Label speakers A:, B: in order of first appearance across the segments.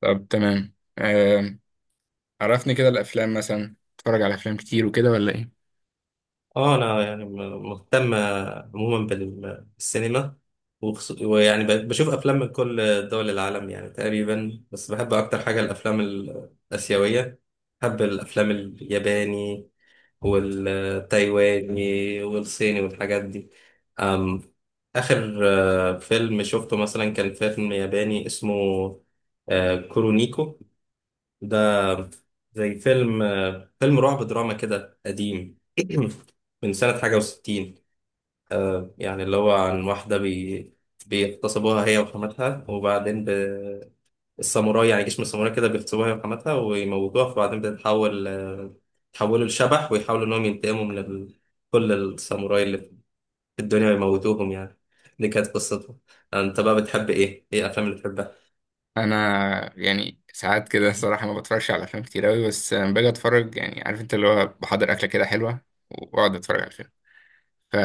A: طب تمام، عرفني كده الافلام مثلا. بتتفرج على افلام كتير وكده ولا ايه؟
B: اه، انا يعني مهتم عموما بالسينما، ويعني بشوف افلام من كل دول العالم يعني تقريبا، بس بحب اكتر حاجه الافلام الاسيويه. بحب الافلام الياباني والتايواني والصيني والحاجات دي. أم اخر فيلم شفته مثلا كان فيلم ياباني اسمه كورونيكو ده. زي فيلم رعب دراما كده قديم من سنة حاجة وستين. يعني اللي هو عن واحدة بيغتصبوها هي وحماتها، وبعدين الساموراي، يعني جيش من الساموراي كده بيغتصبوها هي وحماتها ويموتوها. فبعدين بتتحول آه، يتحولوا لشبح ويحاولوا إنهم ينتقموا من كل الساموراي اللي في الدنيا ويموتوهم يعني. دي كانت قصته. أنت بقى بتحب إيه؟ إيه الأفلام اللي بتحبها؟
A: انا يعني ساعات كده الصراحه ما بتفرجش على افلام كتير قوي، بس لما باجي اتفرج يعني، عارف انت اللي هو، بحضر اكله كده حلوه واقعد اتفرج على الفيلم. ف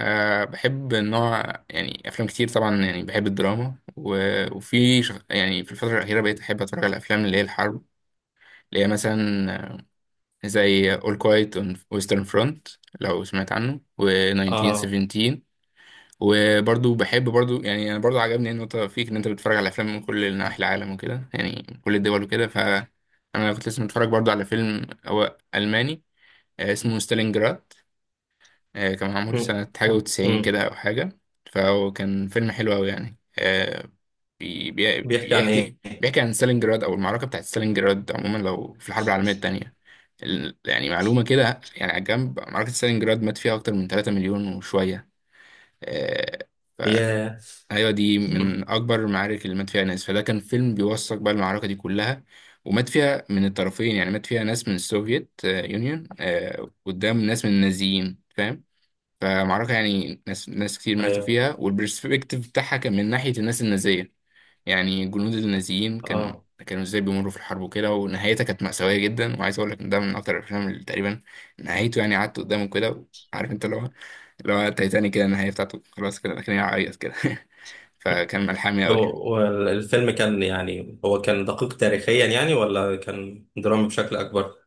A: بحب نوع، يعني افلام كتير طبعا. يعني بحب الدراما وفي يعني في الفتره الاخيره بقيت احب اتفرج على الافلام اللي هي الحرب، اللي هي مثلا زي All Quiet on Western Front لو سمعت عنه
B: آه.
A: و1917. وبرضو بحب برضو، يعني انا برضو عجبني النقطه فيك ان انت بتتفرج على افلام من كل نواحي العالم وكده، يعني من كل الدول وكده. ف انا كنت لسه متفرج برضو على فيلم هو الماني، اسمه ستالينجراد، كان معمول
B: م-
A: سنه حاجه
B: م-
A: وتسعين
B: م.
A: كده او حاجه. فهو كان فيلم حلو قوي يعني،
B: بيحكي عن إيه؟
A: بيحكي عن ستالينجراد او المعركه بتاعت ستالينجراد عموما، لو في الحرب العالميه الثانيه. يعني معلومه كده يعني على جنب، معركه ستالينجراد مات فيها اكتر من 3 مليون وشويه. آه،
B: ياه.
A: ايوه دي
B: مم.
A: من اكبر المعارك اللي مات فيها ناس. فده كان فيلم بيوثق بقى المعركه دي كلها. ومات فيها من الطرفين، يعني مات فيها ناس من السوفييت يونيون قدام ناس من النازيين، فاهم؟ فمعركه يعني ناس كتير ماتوا
B: ايوه.
A: فيها، والبرسبكتيف بتاعها كان من ناحيه الناس النازيه. يعني جنود النازيين
B: اه.
A: كانوا ازاي بيمروا في الحرب وكده، ونهايتها كانت مأساوية جدا. وعايز اقول لك ان ده من اكتر الافلام اللي تقريبا نهايته، يعني قعدت قدامه كده، عارف انت اللي هو، تايتانيك كده، النهاية بتاعته خلاص كده، لكن هعيط كده فكان ملحمي
B: طب
A: قوي.
B: والفيلم كان، يعني هو كان دقيق تاريخيا يعني، ولا كان درامي بشكل اكبر؟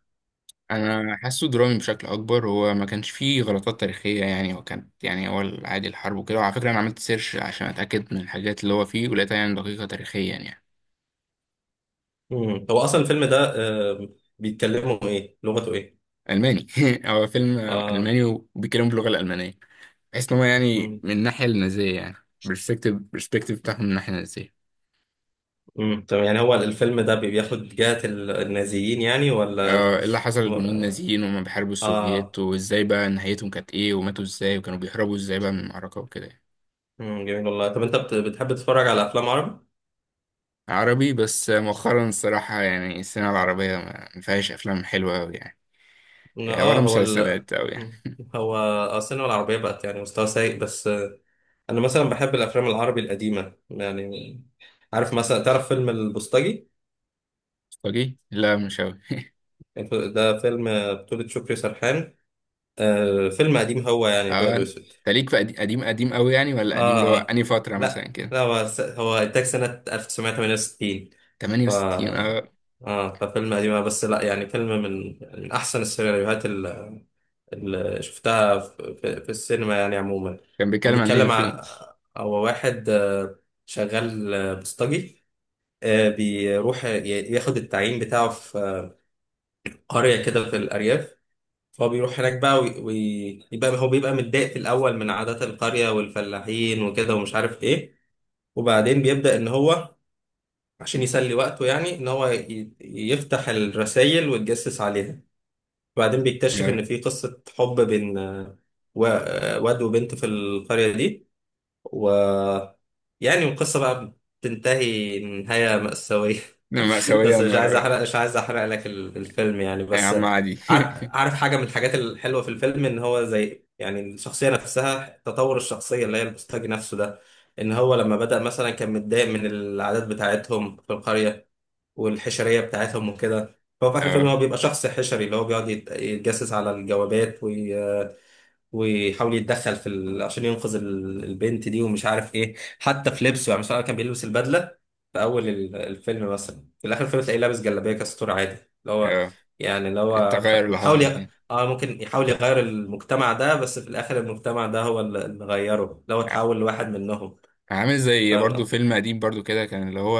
A: انا حاسه درامي بشكل اكبر. هو ما كانش فيه غلطات تاريخيه يعني، هو كانت يعني، هو عادي الحرب وكده. وعلى فكره انا عملت سيرش عشان اتاكد من الحاجات اللي هو فيه، ولقيتها يعني دقيقه تاريخيا يعني.
B: مم. هو اصلا الفيلم ده آه، بيتكلموا ايه، لغته ايه؟
A: الماني هو فيلم
B: اه.
A: الماني وبيتكلم باللغه الالمانيه، بحيث ان هو يعني
B: مم.
A: من الناحيه النازيه يعني، برسبكتيف بتاعهم من الناحيه النازيه.
B: مم. طب يعني هو الفيلم ده بياخد جهة النازيين يعني، ولا؟
A: ايه اللي حصل
B: و-
A: للجنود النازيين وهم بيحاربوا
B: اه.
A: السوفييت، وازاي بقى نهايتهم كانت ايه، وماتوا ازاي، وكانوا بيهربوا ازاي بقى من المعركه وكده يعني.
B: مم. جميل والله. طب انت بتحب تتفرج على افلام عربي؟
A: عربي، بس مؤخرا الصراحه يعني السينما العربيه ما فيهاش افلام حلوه قوي يعني،
B: اه.
A: ولا
B: هو
A: مسلسلات قوي
B: مم.
A: يعني.
B: هو السينما العربية بقت يعني مستوى سيء بس. انا مثلا بحب الافلام العربي القديمه يعني. عارف، مثلا تعرف فيلم البوسطجي؟
A: لا مش قوي
B: ده فيلم بطولة شكري سرحان. آه، فيلم قديم هو يعني
A: اه،
B: ابيض
A: انت
B: واسود.
A: ليك في قديم؟ قديم قديم قوي، يعني، ولا
B: اه.
A: قديم اللي هو
B: آه.
A: انهي فتره مثلا
B: لا،
A: كده؟
B: لا هو انتاج سنه 1968. ف
A: 68، اه.
B: اه. ففيلم قديم، بس لا يعني فيلم من احسن السيناريوهات اللي شفتها في السينما يعني عموما.
A: كان
B: هو
A: بيتكلم عن ايه
B: بيتكلم عن،
A: الفيلم؟
B: هو واحد شغال بوسطجي. بيروح ياخد التعيين بتاعه في قرية كده في الأرياف. فهو بيروح هناك بقى ويبقى هو بيبقى متضايق في الأول من عادات القرية والفلاحين وكده ومش عارف إيه. وبعدين بيبدأ إن هو، عشان يسلي وقته يعني، إن هو يفتح الرسايل ويتجسس عليها. وبعدين بيكتشف
A: آه،
B: إن في قصة حب بين واد وبنت في القرية دي. ويعني القصة بقى بتنتهي نهاية مأساوية.
A: مأساوية،
B: بس
A: يا نهار أبيض.
B: مش عايز احرق لك الفيلم يعني
A: يا
B: بس.
A: عم عادي
B: عارف حاجه من الحاجات الحلوه في الفيلم ان هو زي يعني الشخصيه نفسها، تطور الشخصيه اللي هي البوستاجي نفسه ده. ان هو لما بدأ مثلا كان متضايق من العادات بتاعتهم في القريه والحشريه بتاعتهم وكده، فهو في اخر الفيلم
A: اه،
B: هو بيبقى شخص حشري اللي هو بيقعد يتجسس على الجوابات. ويحاول يتدخل في عشان ينقذ البنت دي ومش عارف ايه. حتى في لبسه يعني، مثلا كان بيلبس البدله في اول الفيلم، مثلا في الاخر الفيلم تلاقيه لابس جلابيه كاستور عادي اللي هو
A: اه،
B: يعني اللي هو
A: التغير اللي
B: حاول
A: حصل فيه،
B: اه ممكن يحاول يغير المجتمع ده، بس في الاخر المجتمع ده هو اللي غيره، اللي هو اتحول لواحد منهم.
A: عامل زي برضو
B: فاهم.
A: فيلم قديم برضو كده كان، اللي هو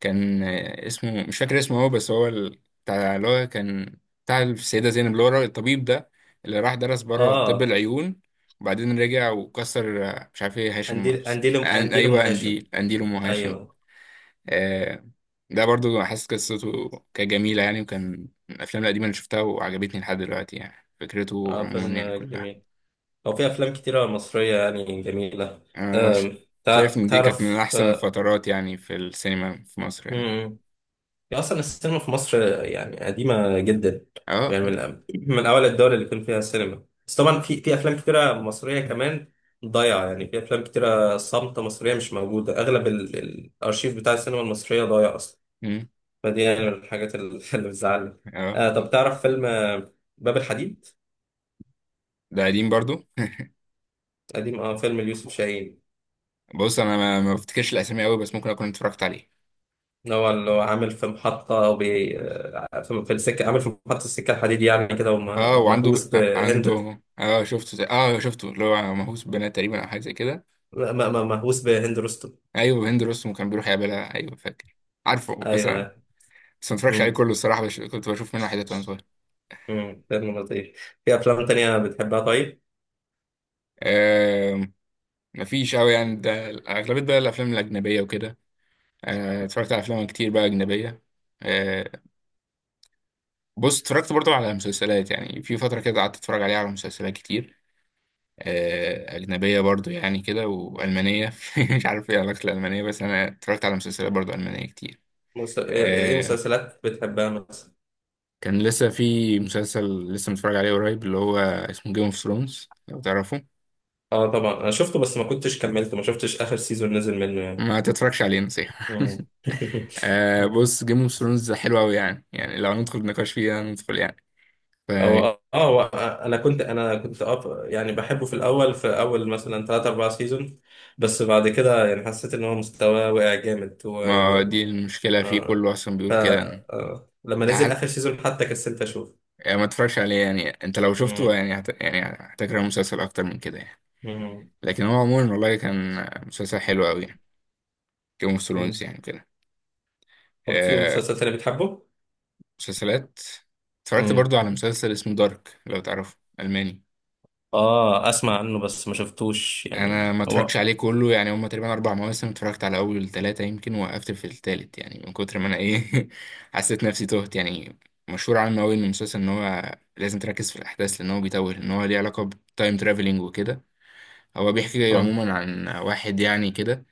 A: كان اسمه مش فاكر اسمه هو، بس هو بتاع اللي هو كان بتاع السيدة زينب، اللي هو الطبيب ده اللي راح درس بره طب
B: اه.
A: العيون، وبعدين رجع وكسر، مش عارف ايه، هاشم،
B: انديل
A: بس
B: انديل انديل ام
A: ايوه،
B: هاشم.
A: انديل انديل ام هاشم.
B: ايوه.
A: آه ده برضو حاسس قصته كانت جميلة يعني، وكان من الافلام القديمة اللي شفتها وعجبتني لحد دلوقتي، يعني فكرته
B: اه،
A: عموما يعني
B: فيلم
A: كلها.
B: جميل. هو في افلام كتيره مصريه يعني جميله.
A: يعني أنا
B: أم،
A: شايف إن دي كانت من
B: تعرف
A: أحسن الفترات يعني في السينما في مصر، يعني كده.
B: امم هي اصلا السينما في مصر يعني قديمه جدا.
A: أه
B: يعني من
A: دي-
B: من اول الدول اللي كان فيها سينما، بس طبعا في افلام كتيره مصريه كمان ضايعه. يعني في افلام كتيره صامته مصريه مش موجوده. اغلب الارشيف بتاع السينما المصريه ضايع اصلا.
A: مم،
B: فدي يعني من الحاجات اللي بتزعلني.
A: أه،
B: آه، طب تعرف فيلم باب الحديد؟
A: ده قديم برضو.
B: قديم، اه، فيلم ليوسف شاهين.
A: بص، أنا ما بفتكرش الأسامي أوي، بس ممكن أكون اتفرجت عليه.
B: اللي هو عامل في محطة، وبي... آه، في السكة. عامل في محطة السكة الحديد يعني كده،
A: أه، وعنده
B: ومهووس بهند.
A: عنده أه، أه شفته اللي هو مهووس بنات تقريبا، أو حاجة زي كده.
B: لا، ما مهووس بهند رستم.
A: أيوه، هند رستم كان بيروح يقابلها، أيوه فاكر، عارفه. بس
B: ايوه.
A: أنا، ما اتفرجش عليه
B: امم
A: كله الصراحة، كنت بشوف منه حاجات وأنا صغير.
B: فيلم لطيف. في افلام تانية بتحبها طيب؟
A: أه... مفيش أوي يعني، ده أغلبية بقى الأفلام الأجنبية وكده. اتفرجت على أفلام كتير بقى أجنبية. آه، بص اتفرجت برضو على مسلسلات، يعني في فترة كده قعدت اتفرج عليها على مسلسلات كتير، أجنبية برضو يعني كده، وألمانية مش عارف ايه علاقة الألمانية، بس أنا اتفرجت على مسلسلات برضو ألمانية كتير.
B: ايه
A: آه،
B: مسلسلات بتحبها مثلا؟
A: كان لسه في مسلسل لسه متفرج عليه قريب، اللي هو اسمه جيم اوف ثرونز لو تعرفه.
B: اه طبعا انا شفته، بس ما كنتش كملته، ما شفتش اخر سيزون نزل منه يعني.
A: ما تتفرجش عليه، نصيحة
B: مم.
A: بص جيم اوف ثرونز حلو أوي يعني لو ندخل نقاش فيها ندخل يعني.
B: هو
A: فما،
B: اه هو انا كنت اه يعني بحبه في الاول، في اول مثلا 3 4 سيزون، بس بعد كده يعني حسيت ان هو مستواه وقع جامد و...
A: دي المشكلة فيه
B: آه.
A: كله، أصلا
B: ف
A: بيقول كده.
B: آه. لما
A: انت
B: نزل اخر سيزون حتى كسلت اشوف.
A: يعني ما اتفرجش عليه يعني، انت لو
B: مم.
A: شفته يعني يعني هتكره المسلسل اكتر من كده يعني.
B: مم.
A: لكن هو عموما والله كان مسلسل حلو قوي يعني، جيم اوف ثرونز
B: مم.
A: يعني كده.
B: طب في
A: آه،
B: مسلسل تاني بتحبه؟
A: مسلسلات، اتفرجت
B: مم.
A: برضو على مسلسل اسمه دارك لو تعرفه، الماني.
B: اه، اسمع عنه بس ما شفتوش يعني
A: انا ما اتفرجتش
B: هو.
A: عليه كله يعني، هما تقريبا 4 مواسم، اتفرجت على اول ثلاثه، يمكن وقفت في الثالث يعني، من كتر ما انا ايه حسيت نفسي تهت يعني. مشهور عنه قوي ان المسلسل ان هو لازم تركز في الاحداث، لان هو بيتوه، ان هو ليه علاقه بتايم ترافلينج وكده. هو بيحكي
B: اه.
A: عموما عن واحد يعني كده،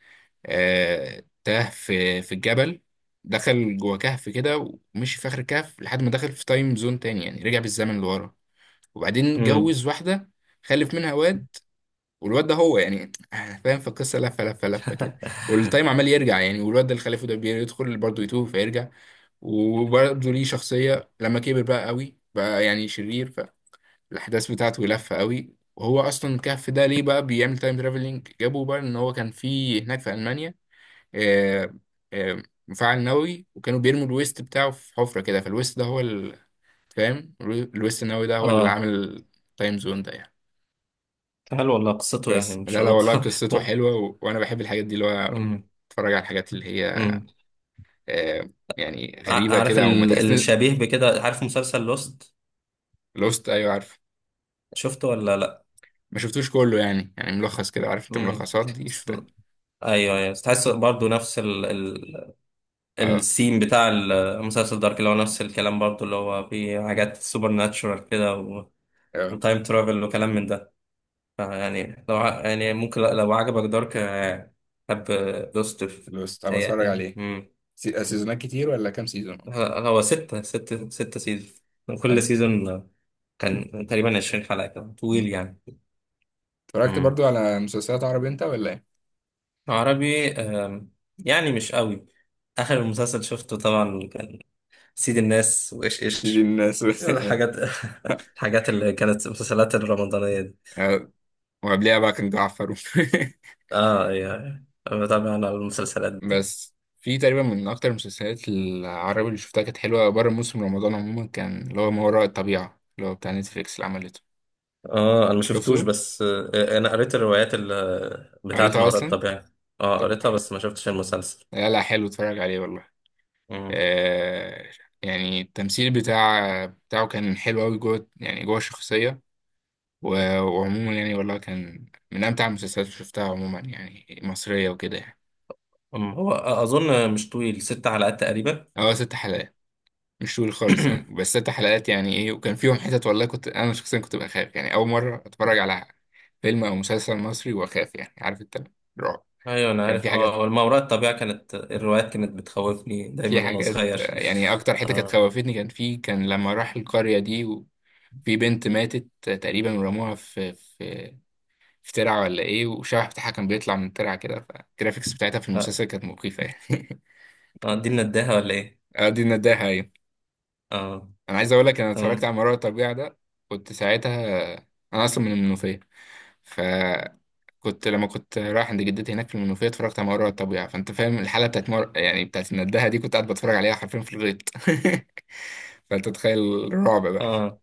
A: تاه في الجبل، دخل جوه كهف كده، ومشي في آخر الكهف لحد ما دخل في تايم زون تاني، يعني رجع بالزمن لورا. وبعدين
B: مم.
A: اتجوز واحدة، خلف منها واد، والواد ده هو يعني فاهم، في القصة لفة لفة لفة كده. والتايم عمال يرجع يعني، والواد ده اللي خلفه ده بيدخل برضه يتوه فيرجع، وبرضه ليه شخصية لما كبر بقى قوي بقى يعني شرير. الاحداث بتاعته لفه قوي. وهو اصلا الكهف ده ليه بقى بيعمل تايم ترافلنج، جابوا بقى ان هو كان في هناك في المانيا، آه، مفاعل نووي، وكانوا بيرموا الويست بتاعه في حفره كده. فالويست ده هو فاهم، الويست النووي ده هو اللي
B: اه،
A: عامل تايم زون ده يعني.
B: حلو والله قصته يعني
A: بس لا لا، والله
B: مشوقة.
A: قصته حلوه، وانا بحب الحاجات دي، اللي هو
B: مم.
A: اتفرج على الحاجات اللي هي،
B: مم.
A: آه، يعني غريبه
B: عارف
A: كده، او ما تحس ان.
B: الشبيه بكده. عارف مسلسل لوست؟
A: لوست، ايوه عارف.
B: شفته ولا لا؟
A: ما شفتوش كله يعني، يعني ملخص كده، عارف انت
B: مم.
A: الملخصات دي،
B: س-
A: شفتها.
B: ايوه، ايوه، تحس برضو نفس السيم بتاع المسلسل دارك اللي هو نفس الكلام برضو، اللي هو في حاجات سوبر ناتشورال كده،
A: اه.
B: وتايم ترافل وكلام من ده. فيعني لو ع- يعني ممكن لو عجبك دارك، حب لوستر.
A: بس طب،
B: تهيألي
A: اتفرج
B: يعني.
A: عليه
B: مم.
A: سيزونات كتير ولا كام سيزون؟
B: هو ستة سيزون. كل
A: حلو.
B: سيزون كان تقريبا 20 حلقة، كان
A: مم.
B: طويل يعني.
A: اتفرجت
B: مم.
A: برضو على مسلسلات عربي انت ولا ايه؟
B: عربي، يعني مش قوي. آخر مسلسل شفته طبعا كان سيد الناس وإيش
A: دي
B: إيش
A: الناس
B: الحاجات الحاجات اللي كانت المسلسلات الرمضانية دي.
A: آه، وقبليها بقى كان جعفر
B: اه يعني، بتابع أنا المسلسلات.
A: بس في تقريبا من اكتر المسلسلات العربي اللي شفتها كانت حلوه بره موسم رمضان عموما، كان اللي هو ما وراء الطبيعه، اللي هو بتاع نتفليكس اللي عملته.
B: اه انا ما شفتوش،
A: شفته،
B: بس انا قريت الروايات بتاعت
A: قريتها
B: ما وراء
A: اصلا.
B: الطبيعة. اه
A: طب
B: قريتها بس ما شفتش المسلسل.
A: لا لا، حلو، اتفرج عليه والله.
B: مم.
A: آه يعني التمثيل بتاعه كان حلو قوي جوه، يعني جوه الشخصيه. وعموما يعني والله كان من أمتع المسلسلات اللي شفتها عموما، يعني مصرية وكده يعني.
B: هو اظن مش طويل، 6 حلقات تقريبا.
A: هو 6 حلقات، مش طويل خالص يعني، بس 6 حلقات، يعني إيه، وكان فيهم حتت والله كنت أنا شخصيا كنت بخاف يعني، أول مرة أتفرج على فيلم أو مسلسل مصري وأخاف، يعني عارف أنت، رعب.
B: ايوه انا
A: يعني في
B: عارف اه،
A: حاجات،
B: والما وراء الطبيعة كانت الروايات كانت بتخوفني دايما وانا صغير.
A: يعني أكتر حتة كانت
B: اه.
A: خوفتني، كان في، لما راح القرية دي في بنت ماتت تقريبا ورموها في ترعة ولا ايه، وشبح بتاعها كان بيطلع من الترعة كده، فالجرافيكس بتاعتها في
B: لا.
A: المسلسل كانت مخيفة يعني
B: دي نداها ولا ايه؟
A: دي النداهة، أيوة.
B: اه.
A: أنا عايز أقول لك، أنا اتفرجت
B: تمام.
A: على مرار الطبيعة ده، كنت ساعتها، أنا أصلا من المنوفية، فكنت لما كنت رايح عند جدتي هناك في المنوفية اتفرجت على مرار الطبيعة. فأنت فاهم الحالة بتاعت يعني بتاعت النداهة دي، كنت قاعد بتفرج عليها حرفيا في الغيط فأنت تخيل الرعب بقى.
B: اه،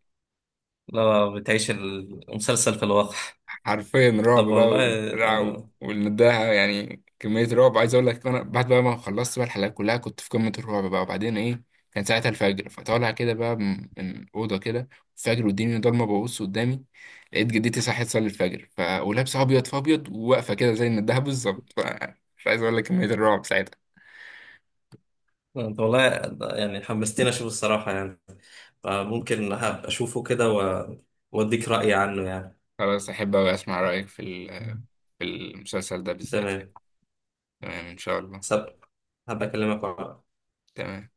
B: لا بتعيش المسلسل في الواقع.
A: حرفيا رعب
B: طب
A: بقى،
B: والله.
A: وبتاع، والنداهة، يعني كمية رعب. عايز أقول لك، أنا بعد بقى ما خلصت بقى الحلقة كلها كنت في قمة الرعب بقى، وبعدين إيه، كان ساعتها الفجر، فطالع كده بقى من أوضة كده، الفجر، والدنيا ضلمة، ببص قدامي لقيت جدتي صحيت تصلي الفجر، ولابسة أبيض في أبيض، وواقفة كده زي النداهة بالظبط، مش عايز أقول لك كمية الرعب ساعتها.
B: طب والله يعني حمستني اشوف الصراحة يعني. فممكن هبقى اشوفه كده واديك رأيي عنه يعني.
A: خلاص، أحب أوي أسمع رأيك في في المسلسل ده بالذات يعني.
B: تمام.
A: تمام إن شاء الله.
B: سب هبقى اكلمك.
A: تمام.